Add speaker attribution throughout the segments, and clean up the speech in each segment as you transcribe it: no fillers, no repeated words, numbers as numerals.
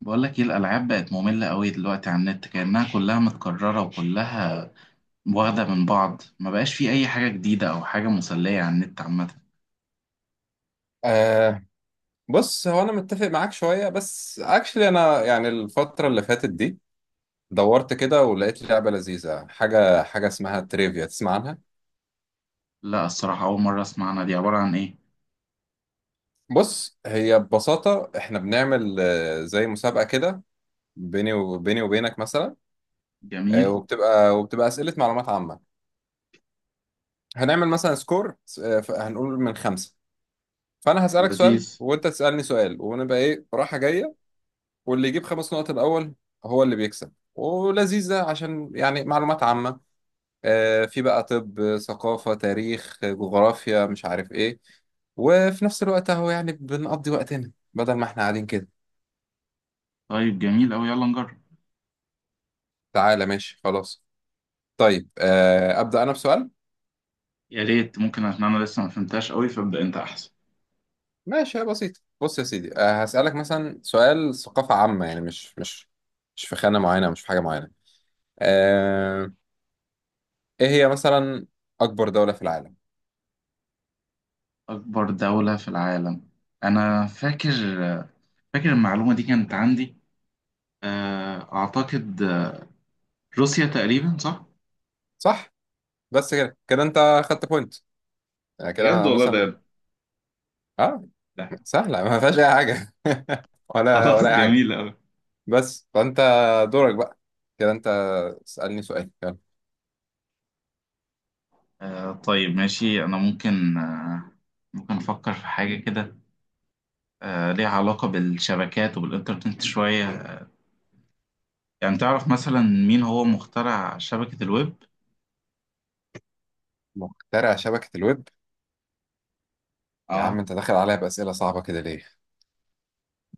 Speaker 1: بقول لك ايه، الالعاب بقت ممله قوي دلوقتي على النت، كانها كلها متكرره وكلها واخده من بعض. ما بقاش في اي حاجه جديده او حاجه مسليه على النت عامه.
Speaker 2: آه بص، هو انا متفق معاك شويه، بس اكشلي. انا يعني الفتره اللي فاتت دي دورت كده ولقيت لعبه لذيذه، حاجه حاجه اسمها تريفيا. تسمع عنها؟
Speaker 1: لا الصراحه، اول مره اسمع عنها. دي عباره عن ايه؟
Speaker 2: بص، هي ببساطه احنا بنعمل زي مسابقه كده، بيني وبينك مثلا.
Speaker 1: جميل.
Speaker 2: وبتبقى اسئله معلومات عامه. هنعمل مثلا سكور. هنقول من 5، فانا هسالك سؤال
Speaker 1: لذيذ.
Speaker 2: وانت تسالني سؤال ونبقى ايه رايحه جايه. واللي يجيب 5 نقط الاول هو اللي بيكسب، ولذيذه عشان يعني معلومات عامه. في بقى طب ثقافة، تاريخ، جغرافيا، مش عارف ايه، وفي نفس الوقت اهو يعني بنقضي وقتنا بدل ما احنا قاعدين كده.
Speaker 1: طيب جميل قوي، يلا نجرب.
Speaker 2: تعالى، ماشي، خلاص. طيب، أبدأ أنا بسؤال.
Speaker 1: يا ريت، ممكن عشان انا لسه ما فهمتهاش قوي، فابدا انت احسن.
Speaker 2: ماشي، هي بسيطة. بص يا سيدي، هسألك مثلا سؤال ثقافة عامة، يعني مش في خانة معينة، مش في حاجة معينة. آه، ايه هي مثلا؟ أكبر دولة في العالم؟
Speaker 1: اكبر دوله في العالم. انا فاكر. فاكر المعلومه دي كانت عندي. اعتقد روسيا تقريبا، صح؟
Speaker 2: صح. بس كده كده أنت خدت بوينت. يعني
Speaker 1: بجد
Speaker 2: كده
Speaker 1: والله
Speaker 2: مثلا.
Speaker 1: ده.
Speaker 2: اه
Speaker 1: ده
Speaker 2: سهلة، ما فيهاش أي حاجة. ولا ولا
Speaker 1: خلاص
Speaker 2: أي حاجة.
Speaker 1: جميل قوي.
Speaker 2: بس، فانت دورك بقى، كده انت اسألني سؤال، يلا.
Speaker 1: آه طيب ماشي، أنا ممكن آه ممكن أفكر في حاجة كده. آه ليها علاقة بالشبكات وبالإنترنت شوية. يعني تعرف مثلا مين هو مخترع شبكة الويب؟
Speaker 2: مخترع شبكة الويب؟ يا عم،
Speaker 1: اه.
Speaker 2: انت داخل عليا بأسئلة صعبة كده ليه؟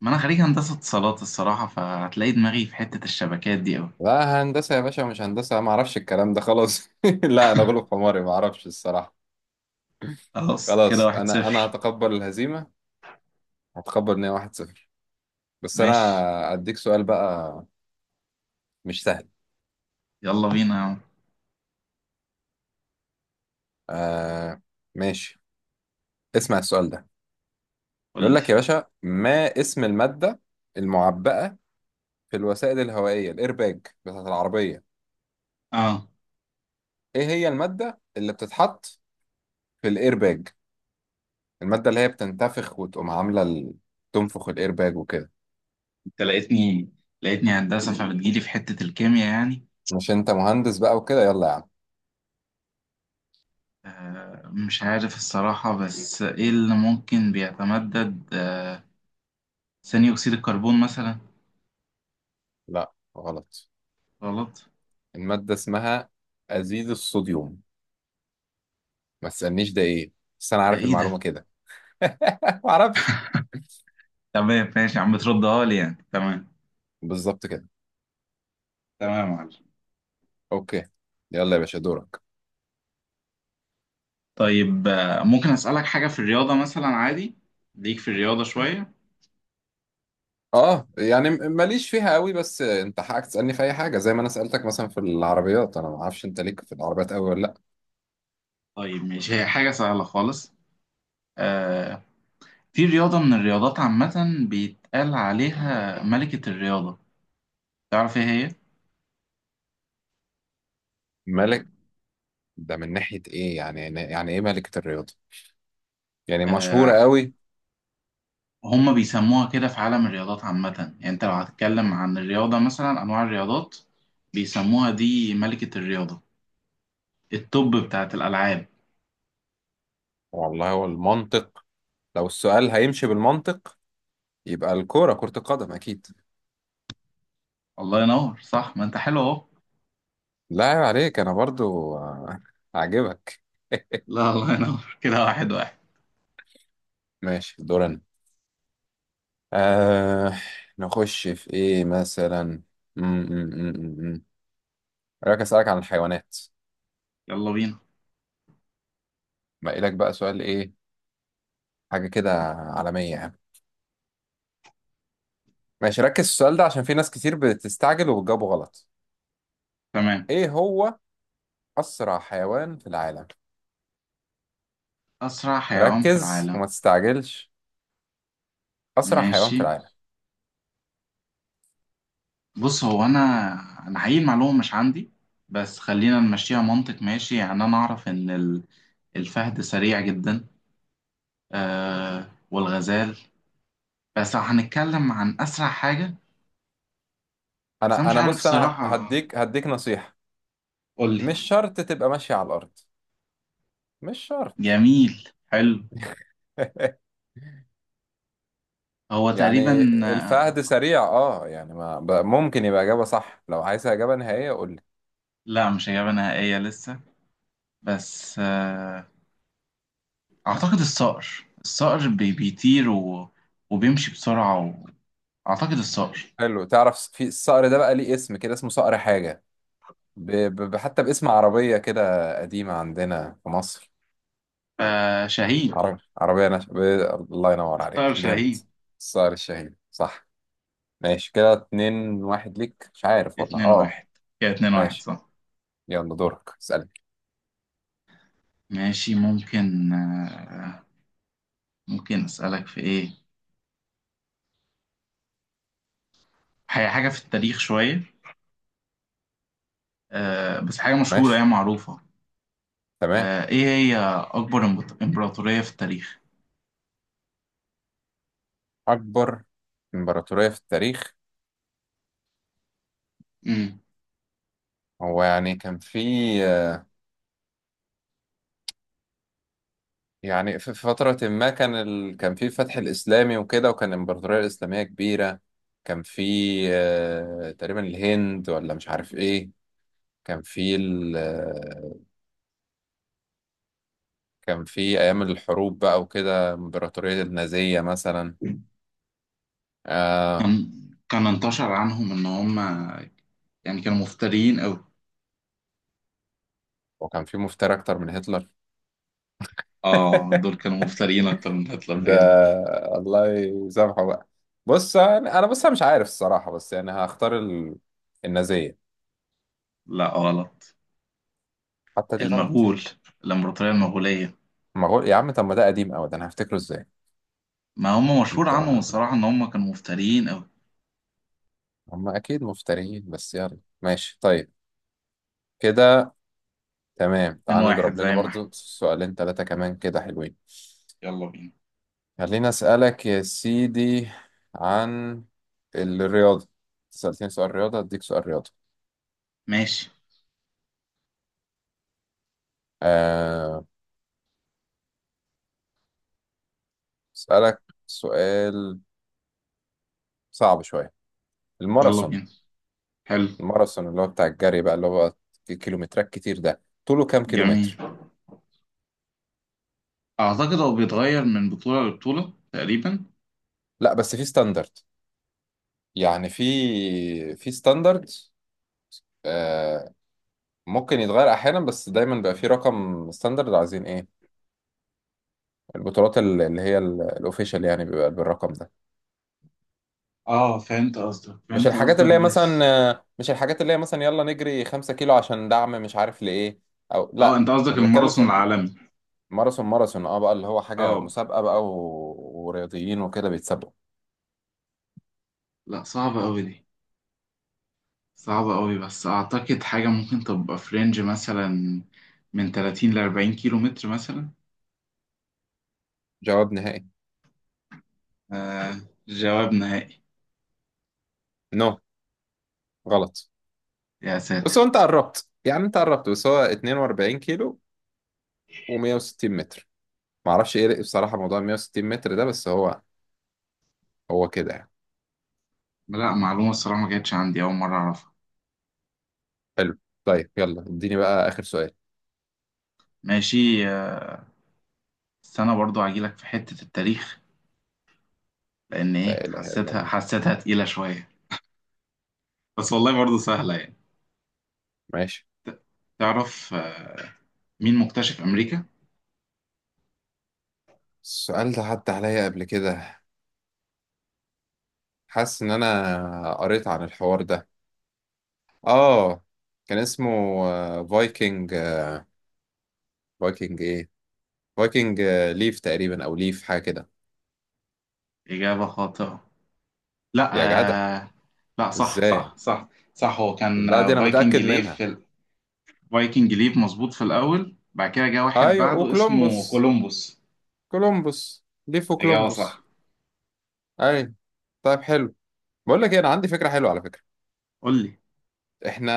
Speaker 1: ما أنا خريج هندسة اتصالات الصراحة، فهتلاقي دماغي في حتة الشبكات دي أوي.
Speaker 2: لا، هندسة يا باشا، مش هندسة، ما اعرفش الكلام ده، خلاص. لا انا غلب حماري، ما اعرفش الصراحة.
Speaker 1: خلاص كده
Speaker 2: خلاص،
Speaker 1: واحد
Speaker 2: انا
Speaker 1: صفر.
Speaker 2: هتقبل الهزيمة. هتقبل ان هي 1-0. بس
Speaker 1: ماشي،
Speaker 2: انا اديك سؤال بقى، مش سهل.
Speaker 1: يلا بينا يا عم.
Speaker 2: آه، ماشي. اسمع السؤال ده.
Speaker 1: قول
Speaker 2: بيقول
Speaker 1: لي.
Speaker 2: لك يا باشا: ما اسم المادة المعبأة في الوسائد الهوائية، الايرباج بتاعت العربية؟
Speaker 1: اه.
Speaker 2: ايه هي المادة اللي بتتحط في الايرباج، المادة اللي هي بتنتفخ وتقوم عاملة تنفخ الايرباج وكده؟
Speaker 1: أنت لقيتني، لقيتني هندسة، فبتجيلي في حتة الكيمياء يعني.
Speaker 2: مش انت مهندس بقى وكده؟ يلا يا عم.
Speaker 1: آه مش عارف الصراحة، بس إيه اللي ممكن بيتمدد؟ آه ثاني أكسيد الكربون مثلا.
Speaker 2: لا غلط.
Speaker 1: غلط؟
Speaker 2: المادة اسمها أزيد الصوديوم. ما تسألنيش ده ايه، بس انا
Speaker 1: ده
Speaker 2: عارف
Speaker 1: إيه
Speaker 2: المعلومة
Speaker 1: ده؟
Speaker 2: كده. معرفش.
Speaker 1: تمام ماشي يا عم، بتردها لي يعني، تمام.
Speaker 2: بالظبط كده.
Speaker 1: تمام يا معلم.
Speaker 2: اوكي. يلا يا باشا، دورك.
Speaker 1: طيب ممكن أسألك حاجة في الرياضة مثلا، عادي. ليك في الرياضة شوية.
Speaker 2: اه، يعني ماليش فيها قوي، بس انت حقك تسألني في اي حاجة زي ما انا سألتك مثلا في العربيات. انا ما اعرفش، انت ليك في العربيات قوي ولا لا؟
Speaker 1: طيب ماشي، هي حاجة سهلة خالص. آه في رياضة من الرياضات عامة بيتقال عليها ملكة الرياضة، تعرف إيه هي؟
Speaker 2: مالك؟ ده من ناحية إيه يعني إيه ملكة الرياضة؟ يعني مشهورة
Speaker 1: آه
Speaker 2: قوي؟
Speaker 1: هم بيسموها كده في عالم الرياضات عامة. يعني أنت لو هتتكلم عن الرياضة مثلا، أنواع الرياضات، بيسموها دي ملكة الرياضة، التوب بتاعت الألعاب.
Speaker 2: والله، هو المنطق، لو السؤال هيمشي بالمنطق يبقى الكورة، كرة القدم، أكيد.
Speaker 1: الله ينور، صح. ما انت حلو اهو.
Speaker 2: لا عيب عليك، أنا برضو عاجبك.
Speaker 1: لا الله ينور كده واحد واحد.
Speaker 2: ماشي، دورنا. آه نخش في إيه مثلا؟ م- م- م- م- م. رأيك أسألك عن الحيوانات؟
Speaker 1: يلا بينا.
Speaker 2: باقي لك بقى سؤال إيه، حاجة كده عالمية يعني. ماشي، ركز في السؤال ده عشان في ناس كتير بتستعجل وبتجاوبه غلط.
Speaker 1: تمام.
Speaker 2: إيه هو أسرع حيوان في العالم؟
Speaker 1: اسرع حيوان في
Speaker 2: ركز
Speaker 1: العالم.
Speaker 2: وما تستعجلش. اسرع حيوان
Speaker 1: ماشي.
Speaker 2: في العالم.
Speaker 1: بص هو انا، انا حقيقي المعلومه مش عندي، بس خلينا نمشيها منطق ماشي. يعني انا اعرف ان ال- الفهد سريع جدا. آه والغزال. بس لو هنتكلم عن اسرع حاجه. بس انا
Speaker 2: انا
Speaker 1: مش
Speaker 2: انا
Speaker 1: عارف
Speaker 2: بص، انا
Speaker 1: الصراحه.
Speaker 2: هديك نصيحة:
Speaker 1: قول لي.
Speaker 2: مش شرط تبقى ماشي على الارض، مش شرط.
Speaker 1: جميل حلو. هو تقريبا
Speaker 2: يعني الفهد سريع، يعني ما ممكن يبقى اجابة صح. لو عايز اجابة نهائية قول لي.
Speaker 1: لا، مش اجابه نهائيه لسه. بس آه أعتقد الصقر. الصقر بيطير و وبيمشي بسرعة و أعتقد الصقر.
Speaker 2: حلو. تعرف في الصقر ده بقى ليه اسم كده، اسمه صقر حاجة، ب... حتى باسم عربية كده قديمة عندنا في مصر،
Speaker 1: آه شهيد.
Speaker 2: عربية الله ينور
Speaker 1: الصقر
Speaker 2: عليك، جامد.
Speaker 1: شهيد.
Speaker 2: الصقر الشهيد، صح. ماشي، كده 2-1 ليك، مش عارف والله.
Speaker 1: اتنين
Speaker 2: اه.
Speaker 1: واحد. كده اتنين واحد
Speaker 2: ماشي،
Speaker 1: صح.
Speaker 2: يلا دورك، اسألني.
Speaker 1: ماشي ممكن آه ممكن أسألك في إيه. هي حاجة في التاريخ شوية، آه بس حاجة مشهورة
Speaker 2: ماشي،
Speaker 1: هي معروفة.
Speaker 2: تمام.
Speaker 1: آه إيه هي؟ أكبر إمبراطورية في التاريخ؟
Speaker 2: أكبر إمبراطورية في التاريخ.
Speaker 1: مم.
Speaker 2: هو يعني كان في، يعني في في فترة ما كان كان في الفتح الإسلامي وكده، وكان الإمبراطورية الإسلامية كبيرة. كان في تقريبا الهند، ولا مش عارف إيه. كان في ال... آه، كان في أيام الحروب بقى وكده، إمبراطورية النازية مثلا. آه
Speaker 1: كان، كان انتشر عنهم إن هم يعني كانوا مفترين أوي.
Speaker 2: وكان في مفتري أكتر من هتلر.
Speaker 1: آه دول كانوا مفترين أكتر من هتلر
Speaker 2: ده،
Speaker 1: بجد.
Speaker 2: الله يسامحه بقى. بص انا، أنا مش عارف الصراحه، بس يعني هختار النازيه.
Speaker 1: لا غلط.
Speaker 2: حتى دي غلط؟
Speaker 1: المغول. الإمبراطورية المغولية.
Speaker 2: ما هو يا عم، طب ما ده قديم قوي، ده انا هفتكره ازاي؟
Speaker 1: ما هم مشهور
Speaker 2: انت
Speaker 1: عنهم الصراحة إن هم كانوا مفتريين أوي.
Speaker 2: هم اكيد مفتريين. بس يلا، ماشي طيب. كده تمام.
Speaker 1: اتنين
Speaker 2: تعال
Speaker 1: واحد
Speaker 2: نضرب لنا
Speaker 1: زي ما احنا.
Speaker 2: برضو سؤالين ثلاثه كمان، كده حلوين.
Speaker 1: يلا بينا.
Speaker 2: خليني اسالك يا سيدي عن الرياضه. سألتني سؤال رياضه، اديك سؤال رياضه.
Speaker 1: ماشي.
Speaker 2: أه... اسالك سؤال صعب شويه.
Speaker 1: يلا
Speaker 2: الماراثون.
Speaker 1: بينا. حلو.
Speaker 2: الماراثون اللي هو بتاع الجري بقى، اللي هو كيلومترات كتير، ده طوله كام
Speaker 1: جميل.
Speaker 2: كيلومتر؟
Speaker 1: أعتقد هو بيتغير من بطولة لبطولة تقريبا.
Speaker 2: لا، بس في ستاندرد، يعني في في ستاندرد. آه ممكن يتغير احيانا، بس دايما بيبقى في رقم ستاندرد. عايزين ايه، البطولات اللي هي الاوفيشال يعني بيبقى بالرقم ده.
Speaker 1: اه فهمت قصدك،
Speaker 2: مش
Speaker 1: فهمت
Speaker 2: الحاجات
Speaker 1: قصدك،
Speaker 2: اللي هي
Speaker 1: بس
Speaker 2: مثلا، آه، مش الحاجات اللي هي مثلا يلا نجري 5 كيلو عشان دعم مش عارف لايه، او
Speaker 1: اه
Speaker 2: لا،
Speaker 1: انت
Speaker 2: احنا
Speaker 1: قصدك
Speaker 2: بنتكلم
Speaker 1: الماراثون
Speaker 2: في
Speaker 1: العالمي.
Speaker 2: ماراثون. بقى اللي هو حاجة
Speaker 1: اه.
Speaker 2: مسابقة بقى ورياضيين وكده بيتسابقوا.
Speaker 1: لا صعبة أوي دي، صعبة أوي. بس أعتقد حاجة ممكن تبقى في رينج مثلا من 30 ل 40 كيلو متر مثلا.
Speaker 2: جواب نهائي؟
Speaker 1: آه جواب نهائي.
Speaker 2: نو، غلط.
Speaker 1: يا
Speaker 2: بص، هو
Speaker 1: ساتر.
Speaker 2: انت قربت، يعني انت قربت، بس هو 42 كيلو و160 متر. معرفش ايه بصراحة موضوع 160 متر ده، بس هو كده يعني.
Speaker 1: لا، معلومة الصراحة ما كانتش عندي، أول مرة أعرفها.
Speaker 2: حلو. طيب، يلا اديني بقى آخر سؤال.
Speaker 1: ماشي بس أنا برضو هجيلك في حتة التاريخ، لأن إيه،
Speaker 2: لا إله إلا
Speaker 1: حسيتها،
Speaker 2: الله.
Speaker 1: حسيتها تقيلة شوية. بس والله برضو سهلة يعني.
Speaker 2: ماشي،
Speaker 1: ت- تعرف مين مكتشف أمريكا؟
Speaker 2: السؤال ده عدى عليا قبل كده، حاسس ان انا قريت عن الحوار ده. اه كان اسمه فايكنج، فايكنج ايه، فايكنج ليف تقريبا، او ليف حاجة كده.
Speaker 1: إجابة خاطئة. لا
Speaker 2: يا جدع،
Speaker 1: آه، لا صح
Speaker 2: ازاي؟
Speaker 1: صح صح. صح هو كان
Speaker 2: لا، دي
Speaker 1: آه،
Speaker 2: انا
Speaker 1: فايكنج
Speaker 2: متأكد
Speaker 1: ليف
Speaker 2: منها.
Speaker 1: في ال- فايكنج ليف مظبوط في الأول، بعد كده جه واحد
Speaker 2: ايوه،
Speaker 1: بعده اسمه
Speaker 2: وكولومبوس.
Speaker 1: كولومبوس.
Speaker 2: كولومبوس ليفو
Speaker 1: إجابة صح.
Speaker 2: كولومبوس. اي. طيب، حلو. بقول لك ايه، انا عندي فكره حلوه على فكره.
Speaker 1: قول لي.
Speaker 2: احنا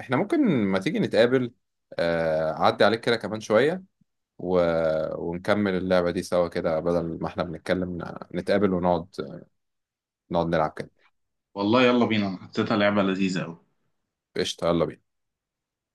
Speaker 2: احنا ممكن، ما تيجي نتقابل، اعدي عليك كده كمان شويه، و... ونكمل اللعبه دي سوا كده، بدل ما احنا بنتكلم نتقابل، ونقعد نلعب كده.
Speaker 1: والله يلا بينا، أنا حطيتها لعبة لذيذة أوي.
Speaker 2: قشطه، يلا بينا.